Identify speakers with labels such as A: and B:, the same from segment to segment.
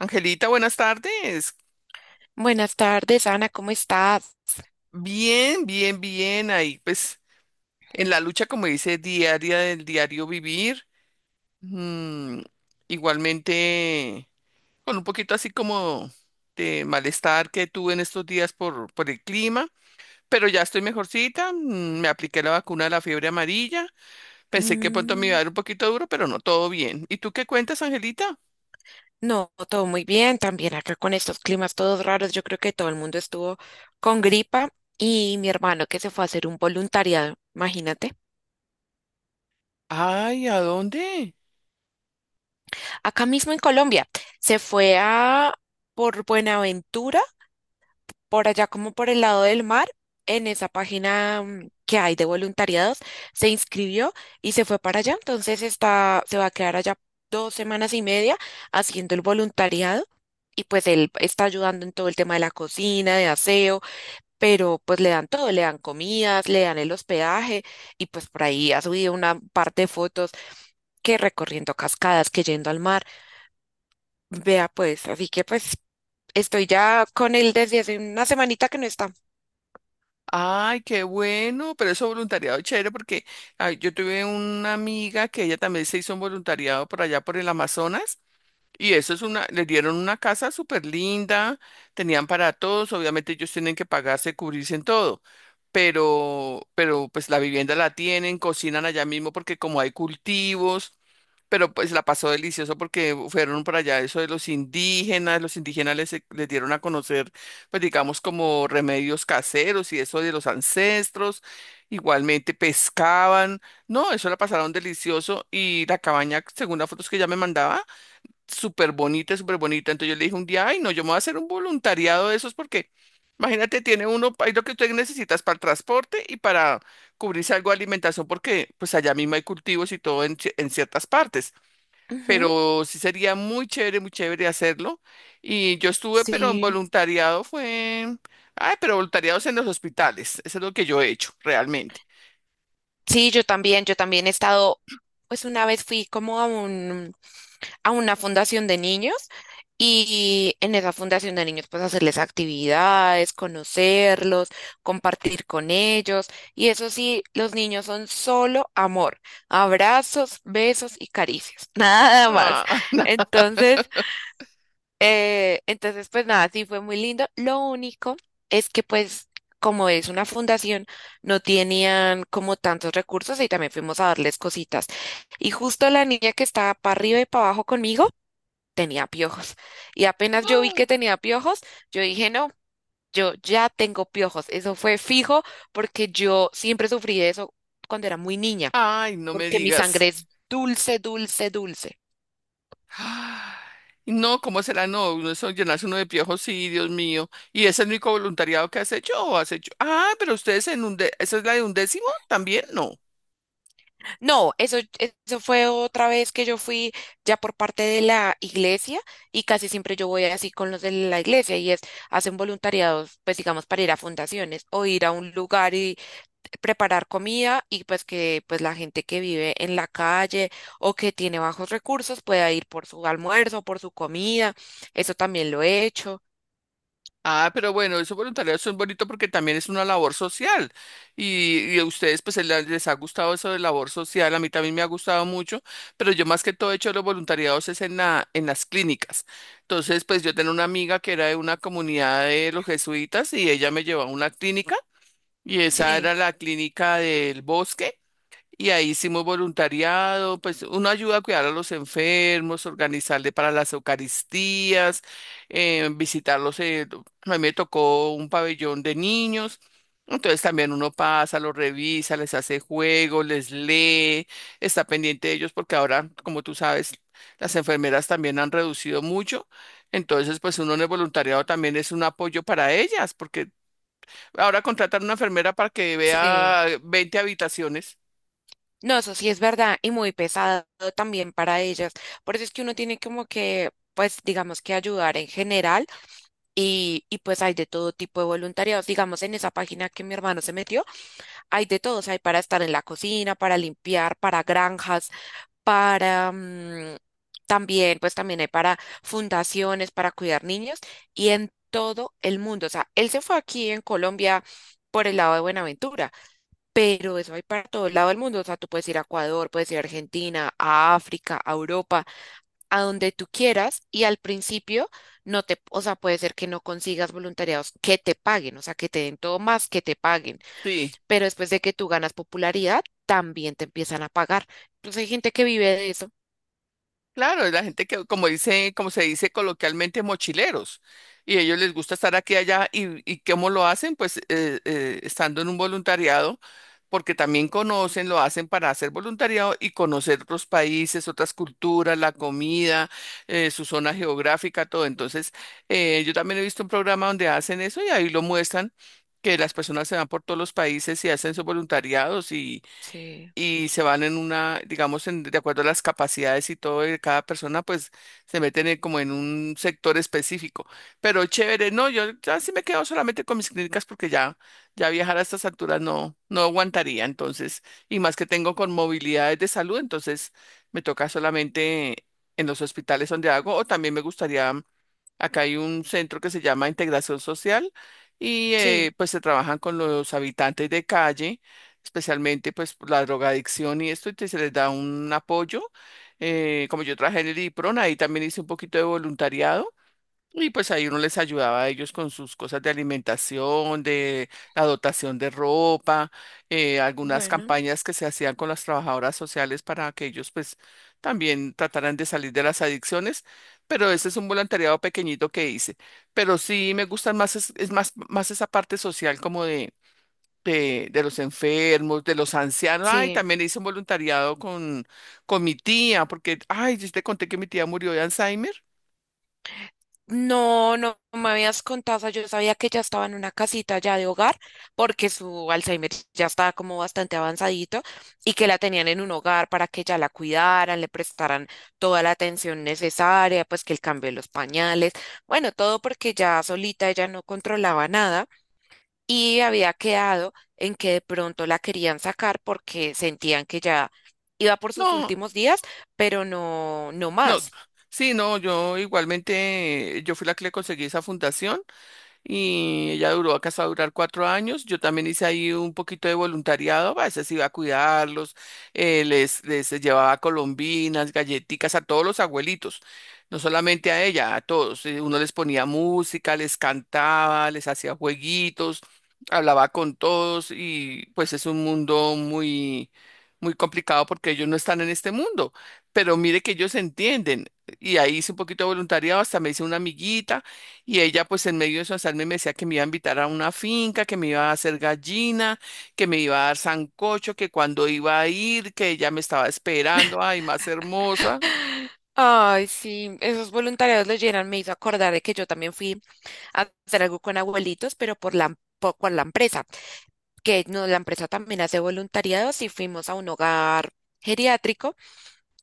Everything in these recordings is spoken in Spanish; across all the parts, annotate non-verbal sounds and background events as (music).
A: Angelita, buenas tardes.
B: Buenas tardes, Ana, ¿cómo estás?
A: Bien, bien, bien. Ahí, pues, en la lucha, como dice, diaria del diario vivir. Mm, igualmente, con un poquito así como de malestar que tuve en estos días por el clima, pero ya estoy mejorcita. Me apliqué la vacuna de la fiebre amarilla. Pensé que pronto me iba a
B: Mm,
A: dar un poquito duro, pero no, todo bien. ¿Y tú qué cuentas, Angelita?
B: no, todo muy bien. También acá con estos climas todos raros, yo creo que todo el mundo estuvo con gripa y mi hermano que se fue a hacer un voluntariado, imagínate,
A: Ay, ¿a dónde?
B: acá mismo en Colombia, se fue a por Buenaventura por allá como por el lado del mar, en esa página que hay de voluntariados, se inscribió y se fue para allá. Entonces está, se va a quedar allá 2 semanas y media haciendo el voluntariado. Y pues él está ayudando en todo el tema de la cocina, de aseo, pero pues le dan todo, le dan comidas, le dan el hospedaje y pues por ahí ha subido una parte de fotos que recorriendo cascadas, que yendo al mar. Vea pues, así que pues estoy ya con él desde hace una semanita que no está.
A: Ay, qué bueno, pero eso voluntariado chévere porque ay, yo tuve una amiga que ella también se hizo un voluntariado por allá por el Amazonas y eso es una, le dieron una casa súper linda, tenían para todos, obviamente ellos tienen que pagarse, cubrirse en todo, pero pues la vivienda la tienen, cocinan allá mismo porque como hay cultivos, pero pues la pasó delicioso porque fueron para allá eso de los indígenas les dieron a conocer, pues digamos como remedios caseros y eso de los ancestros, igualmente pescaban, no, eso la pasaron delicioso y la cabaña, según las fotos que ella me mandaba, súper bonita, entonces yo le dije un día, ay no, yo me voy a hacer un voluntariado de esos porque... Imagínate, tiene uno, hay lo que tú necesitas para el transporte y para cubrirse algo de alimentación, porque pues allá mismo hay cultivos y todo en, en ciertas partes,
B: Ujú.
A: pero sí sería muy chévere hacerlo. Y yo estuve, pero en
B: Sí,
A: voluntariado fue, ay, pero voluntariados en los hospitales, eso es lo que yo he hecho realmente.
B: sí, yo también he estado, pues una vez fui como a a una fundación de niños y en esa fundación de niños pues hacerles actividades, conocerlos, compartir con ellos y eso sí, los niños son solo amor, abrazos, besos y caricias, (laughs) nada más.
A: Ah, (laughs)
B: Entonces, entonces, pues nada, sí fue muy lindo. Lo único es que pues como es una fundación, no tenían como tantos recursos y también fuimos a darles cositas. Y justo la niña que estaba para arriba y para abajo conmigo tenía piojos. Y apenas yo vi que tenía piojos, yo dije, no, yo ya tengo piojos. Eso fue fijo porque yo siempre sufrí de eso cuando era muy niña,
A: ay, no me
B: porque mi sangre
A: digas.
B: es dulce, dulce, dulce.
A: Ay, no, ¿cómo será? No, uno eso llenarse uno de piojos, sí, Dios mío. ¿Y ese es el único voluntariado que has hecho o has hecho? Ah, pero ustedes en un ¿esa es la de undécimo? ¿También? No.
B: No, eso fue otra vez que yo fui ya por parte de la iglesia y casi siempre yo voy así con los de la iglesia y es, hacen voluntariados, pues digamos, para ir a fundaciones o ir a un lugar y preparar comida y pues que pues la gente que vive en la calle o que tiene bajos recursos pueda ir por su almuerzo, por su comida. Eso también lo he hecho.
A: Ah, pero bueno, eso voluntariado eso es bonito porque también es una labor social y a ustedes pues les ha gustado eso de labor social, a mí también me ha gustado mucho, pero yo más que todo he hecho los voluntariados es en en las clínicas. Entonces pues yo tenía una amiga que era de una comunidad de los jesuitas y ella me llevó a una clínica y esa
B: Sí,
A: era la clínica del bosque. Y ahí hicimos voluntariado, pues uno ayuda a cuidar a los enfermos, organizarle para las Eucaristías, visitarlos. A mí me tocó un pabellón de niños, entonces también uno pasa, los revisa, les hace juegos, les lee, está pendiente de ellos porque ahora, como tú sabes, las enfermeras también han reducido mucho. Entonces, pues uno en el voluntariado también es un apoyo para ellas, porque ahora contratan una enfermera para que
B: sí.
A: vea 20 habitaciones.
B: No, eso sí es verdad y muy pesado también para ellas. Por eso es que uno tiene como que, pues, digamos que ayudar en general y pues hay de todo tipo de voluntariados. Digamos, en esa página que mi hermano se metió, hay de todos, hay para estar en la cocina, para limpiar, para granjas, para... también, pues también hay para fundaciones, para cuidar niños y en todo el mundo. O sea, él se fue aquí en Colombia por el lado de Buenaventura. Pero eso hay para todo el lado del mundo. O sea, tú puedes ir a Ecuador, puedes ir a Argentina, a África, a Europa, a donde tú quieras. Y al principio no te, o sea, puede ser que no consigas voluntariados que te paguen, o sea, que te den todo más que te paguen.
A: Sí.
B: Pero después de que tú ganas popularidad, también te empiezan a pagar. Entonces hay gente que vive de eso.
A: Claro, es la gente que, como dice, como se dice coloquialmente, mochileros. Y ellos les gusta estar aquí y allá. Y cómo lo hacen? Pues estando en un voluntariado, porque también conocen, lo hacen para hacer voluntariado y conocer otros países, otras culturas, la comida, su zona geográfica, todo. Entonces, yo también he visto un programa donde hacen eso y ahí lo muestran, que las personas se van por todos los países y hacen sus voluntariados
B: Sí,
A: y se van en una, digamos, de acuerdo a las capacidades y todo de cada persona, pues se meten como en un sector específico. Pero chévere, no, yo ya sí me quedo solamente con mis clínicas porque ya, ya viajar a estas alturas no, no aguantaría, entonces, y más que tengo con movilidades de salud, entonces me toca solamente en los hospitales donde hago, o también me gustaría, acá hay un centro que se llama Integración Social. Y
B: sí,
A: pues se trabajan con los habitantes de calle especialmente pues por la drogadicción y esto, y se les da un apoyo. Como yo trabajé en el IPRON, ahí también hice un poquito de voluntariado y pues ahí uno les ayudaba a ellos con sus cosas de alimentación, de la dotación de ropa, algunas
B: bueno,
A: campañas que se hacían con las trabajadoras sociales para que ellos pues también trataran de salir de las adicciones. Pero ese es un voluntariado pequeñito que hice. Pero sí me gustan más, es más, más esa parte social como de de los enfermos, de los ancianos. Ay,
B: sí.
A: también hice un voluntariado con mi tía, porque, ay, yo te conté que mi tía murió de Alzheimer.
B: No, no me habías contado, o sea, yo sabía que ya estaba en una casita ya de hogar, porque su Alzheimer ya estaba como bastante avanzadito y que la tenían en un hogar para que ya la cuidaran, le prestaran toda la atención necesaria, pues que el cambio de los pañales, bueno, todo porque ya solita ella no controlaba nada y había quedado en que de pronto la querían sacar porque sentían que ya iba por sus
A: No,
B: últimos días, pero no, no
A: no,
B: más.
A: sí, no, yo igualmente, yo fui la que le conseguí esa fundación y ella duró acá hasta durar 4 años. Yo también hice ahí un poquito de voluntariado, a veces iba a cuidarlos, les llevaba colombinas, galletitas a todos los abuelitos, no solamente a ella, a todos. Uno les ponía música, les cantaba, les hacía jueguitos, hablaba con todos y pues es un mundo muy, muy complicado porque ellos no están en este mundo, pero mire que ellos se entienden. Y ahí hice un poquito de voluntariado, hasta me hice una amiguita. Y ella pues en medio de su azar me decía que me iba a invitar a una finca, que me iba a hacer gallina, que me iba a dar sancocho, que cuando iba a ir, que ella me estaba esperando, ay, más hermosa.
B: Ay, sí, esos voluntariados los llenan. Me hizo acordar de que yo también fui a hacer algo con abuelitos, pero por por, con la empresa, que no, la empresa también hace voluntariados y fuimos a un hogar geriátrico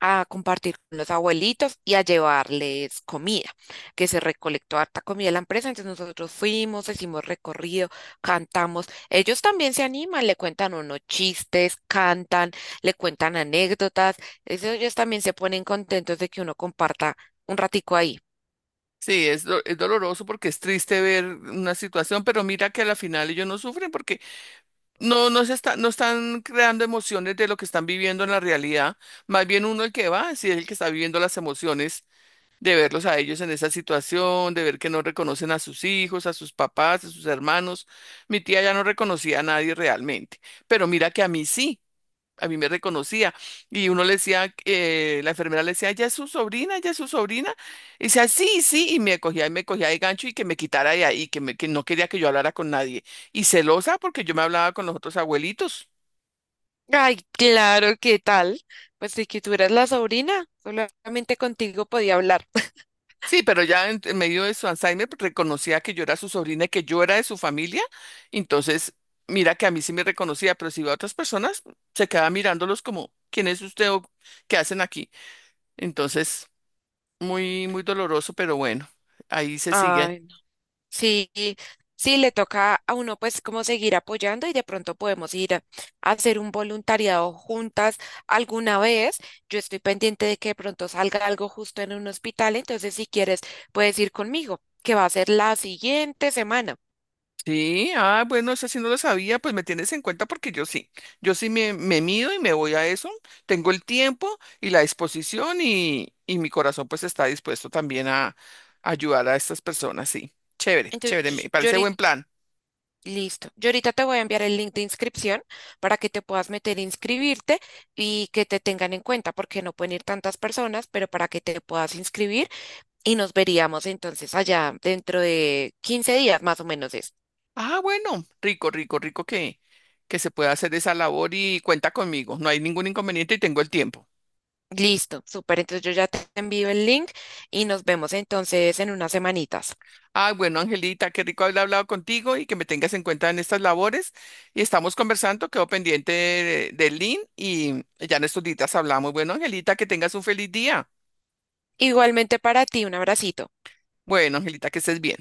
B: a compartir con los abuelitos y a llevarles comida, que se recolectó harta comida de la empresa. Entonces nosotros fuimos, hicimos recorrido, cantamos. Ellos también se animan, le cuentan unos chistes, cantan, le cuentan anécdotas. Eso ellos también se ponen contentos de que uno comparta un ratico ahí.
A: Sí, es doloroso porque es triste ver una situación, pero mira que a la final ellos no sufren porque no, no están creando emociones de lo que están viviendo en la realidad. Más bien uno el que va, sí es el que está viviendo las emociones de verlos a ellos en esa situación, de ver que no reconocen a sus hijos, a sus papás, a sus hermanos. Mi tía ya no reconocía a nadie realmente, pero mira que a mí sí, a mí me reconocía. Y uno le decía, la enfermera le decía, ya es su sobrina, ya es su sobrina. Y decía, sí, sí, y me cogía de gancho y que me quitara de ahí, que no quería que yo hablara con nadie. Y celosa porque yo me hablaba con los otros abuelitos.
B: Ay, claro, ¿qué tal? Pues si que tú eras la sobrina, solamente contigo podía hablar. (laughs)
A: Sí, pero ya en medio de su Alzheimer pues, reconocía que yo era su sobrina y que yo era de su familia. Entonces, mira que a mí sí me reconocía, pero si iba a otras personas, se quedaba mirándolos como, ¿quién es usted o qué hacen aquí? Entonces, muy, muy doloroso, pero bueno, ahí se sigue.
B: Ay. Sí, sí, le toca a uno pues como seguir apoyando y de pronto podemos ir a hacer un voluntariado juntas alguna vez. Yo estoy pendiente de que de pronto salga algo justo en un hospital, entonces si quieres puedes ir conmigo, que va a ser la siguiente semana.
A: Sí, ah, bueno, eso sí no lo sabía, pues me tienes en cuenta porque yo sí, me mido y me voy a eso, tengo el tiempo y la disposición y mi corazón pues está dispuesto también a ayudar a estas personas, sí, chévere, chévere, me
B: Entonces, yo
A: parece
B: ahorita,
A: buen plan.
B: listo. Yo ahorita te voy a enviar el link de inscripción para que te puedas meter a inscribirte y que te tengan en cuenta, porque no pueden ir tantas personas, pero para que te puedas inscribir y nos veríamos entonces allá dentro de 15 días más o menos es.
A: Ah, bueno, rico, rico, rico que se pueda hacer esa labor y cuenta conmigo, no hay ningún inconveniente y tengo el tiempo.
B: Listo, súper. Entonces yo ya te envío el link y nos vemos entonces en unas semanitas.
A: Ah, bueno, Angelita, qué rico haber hablado contigo y que me tengas en cuenta en estas labores. Y estamos conversando, quedo pendiente del link y ya en estos días hablamos. Bueno, Angelita, que tengas un feliz día.
B: Igualmente para ti, un abracito.
A: Bueno, Angelita, que estés bien.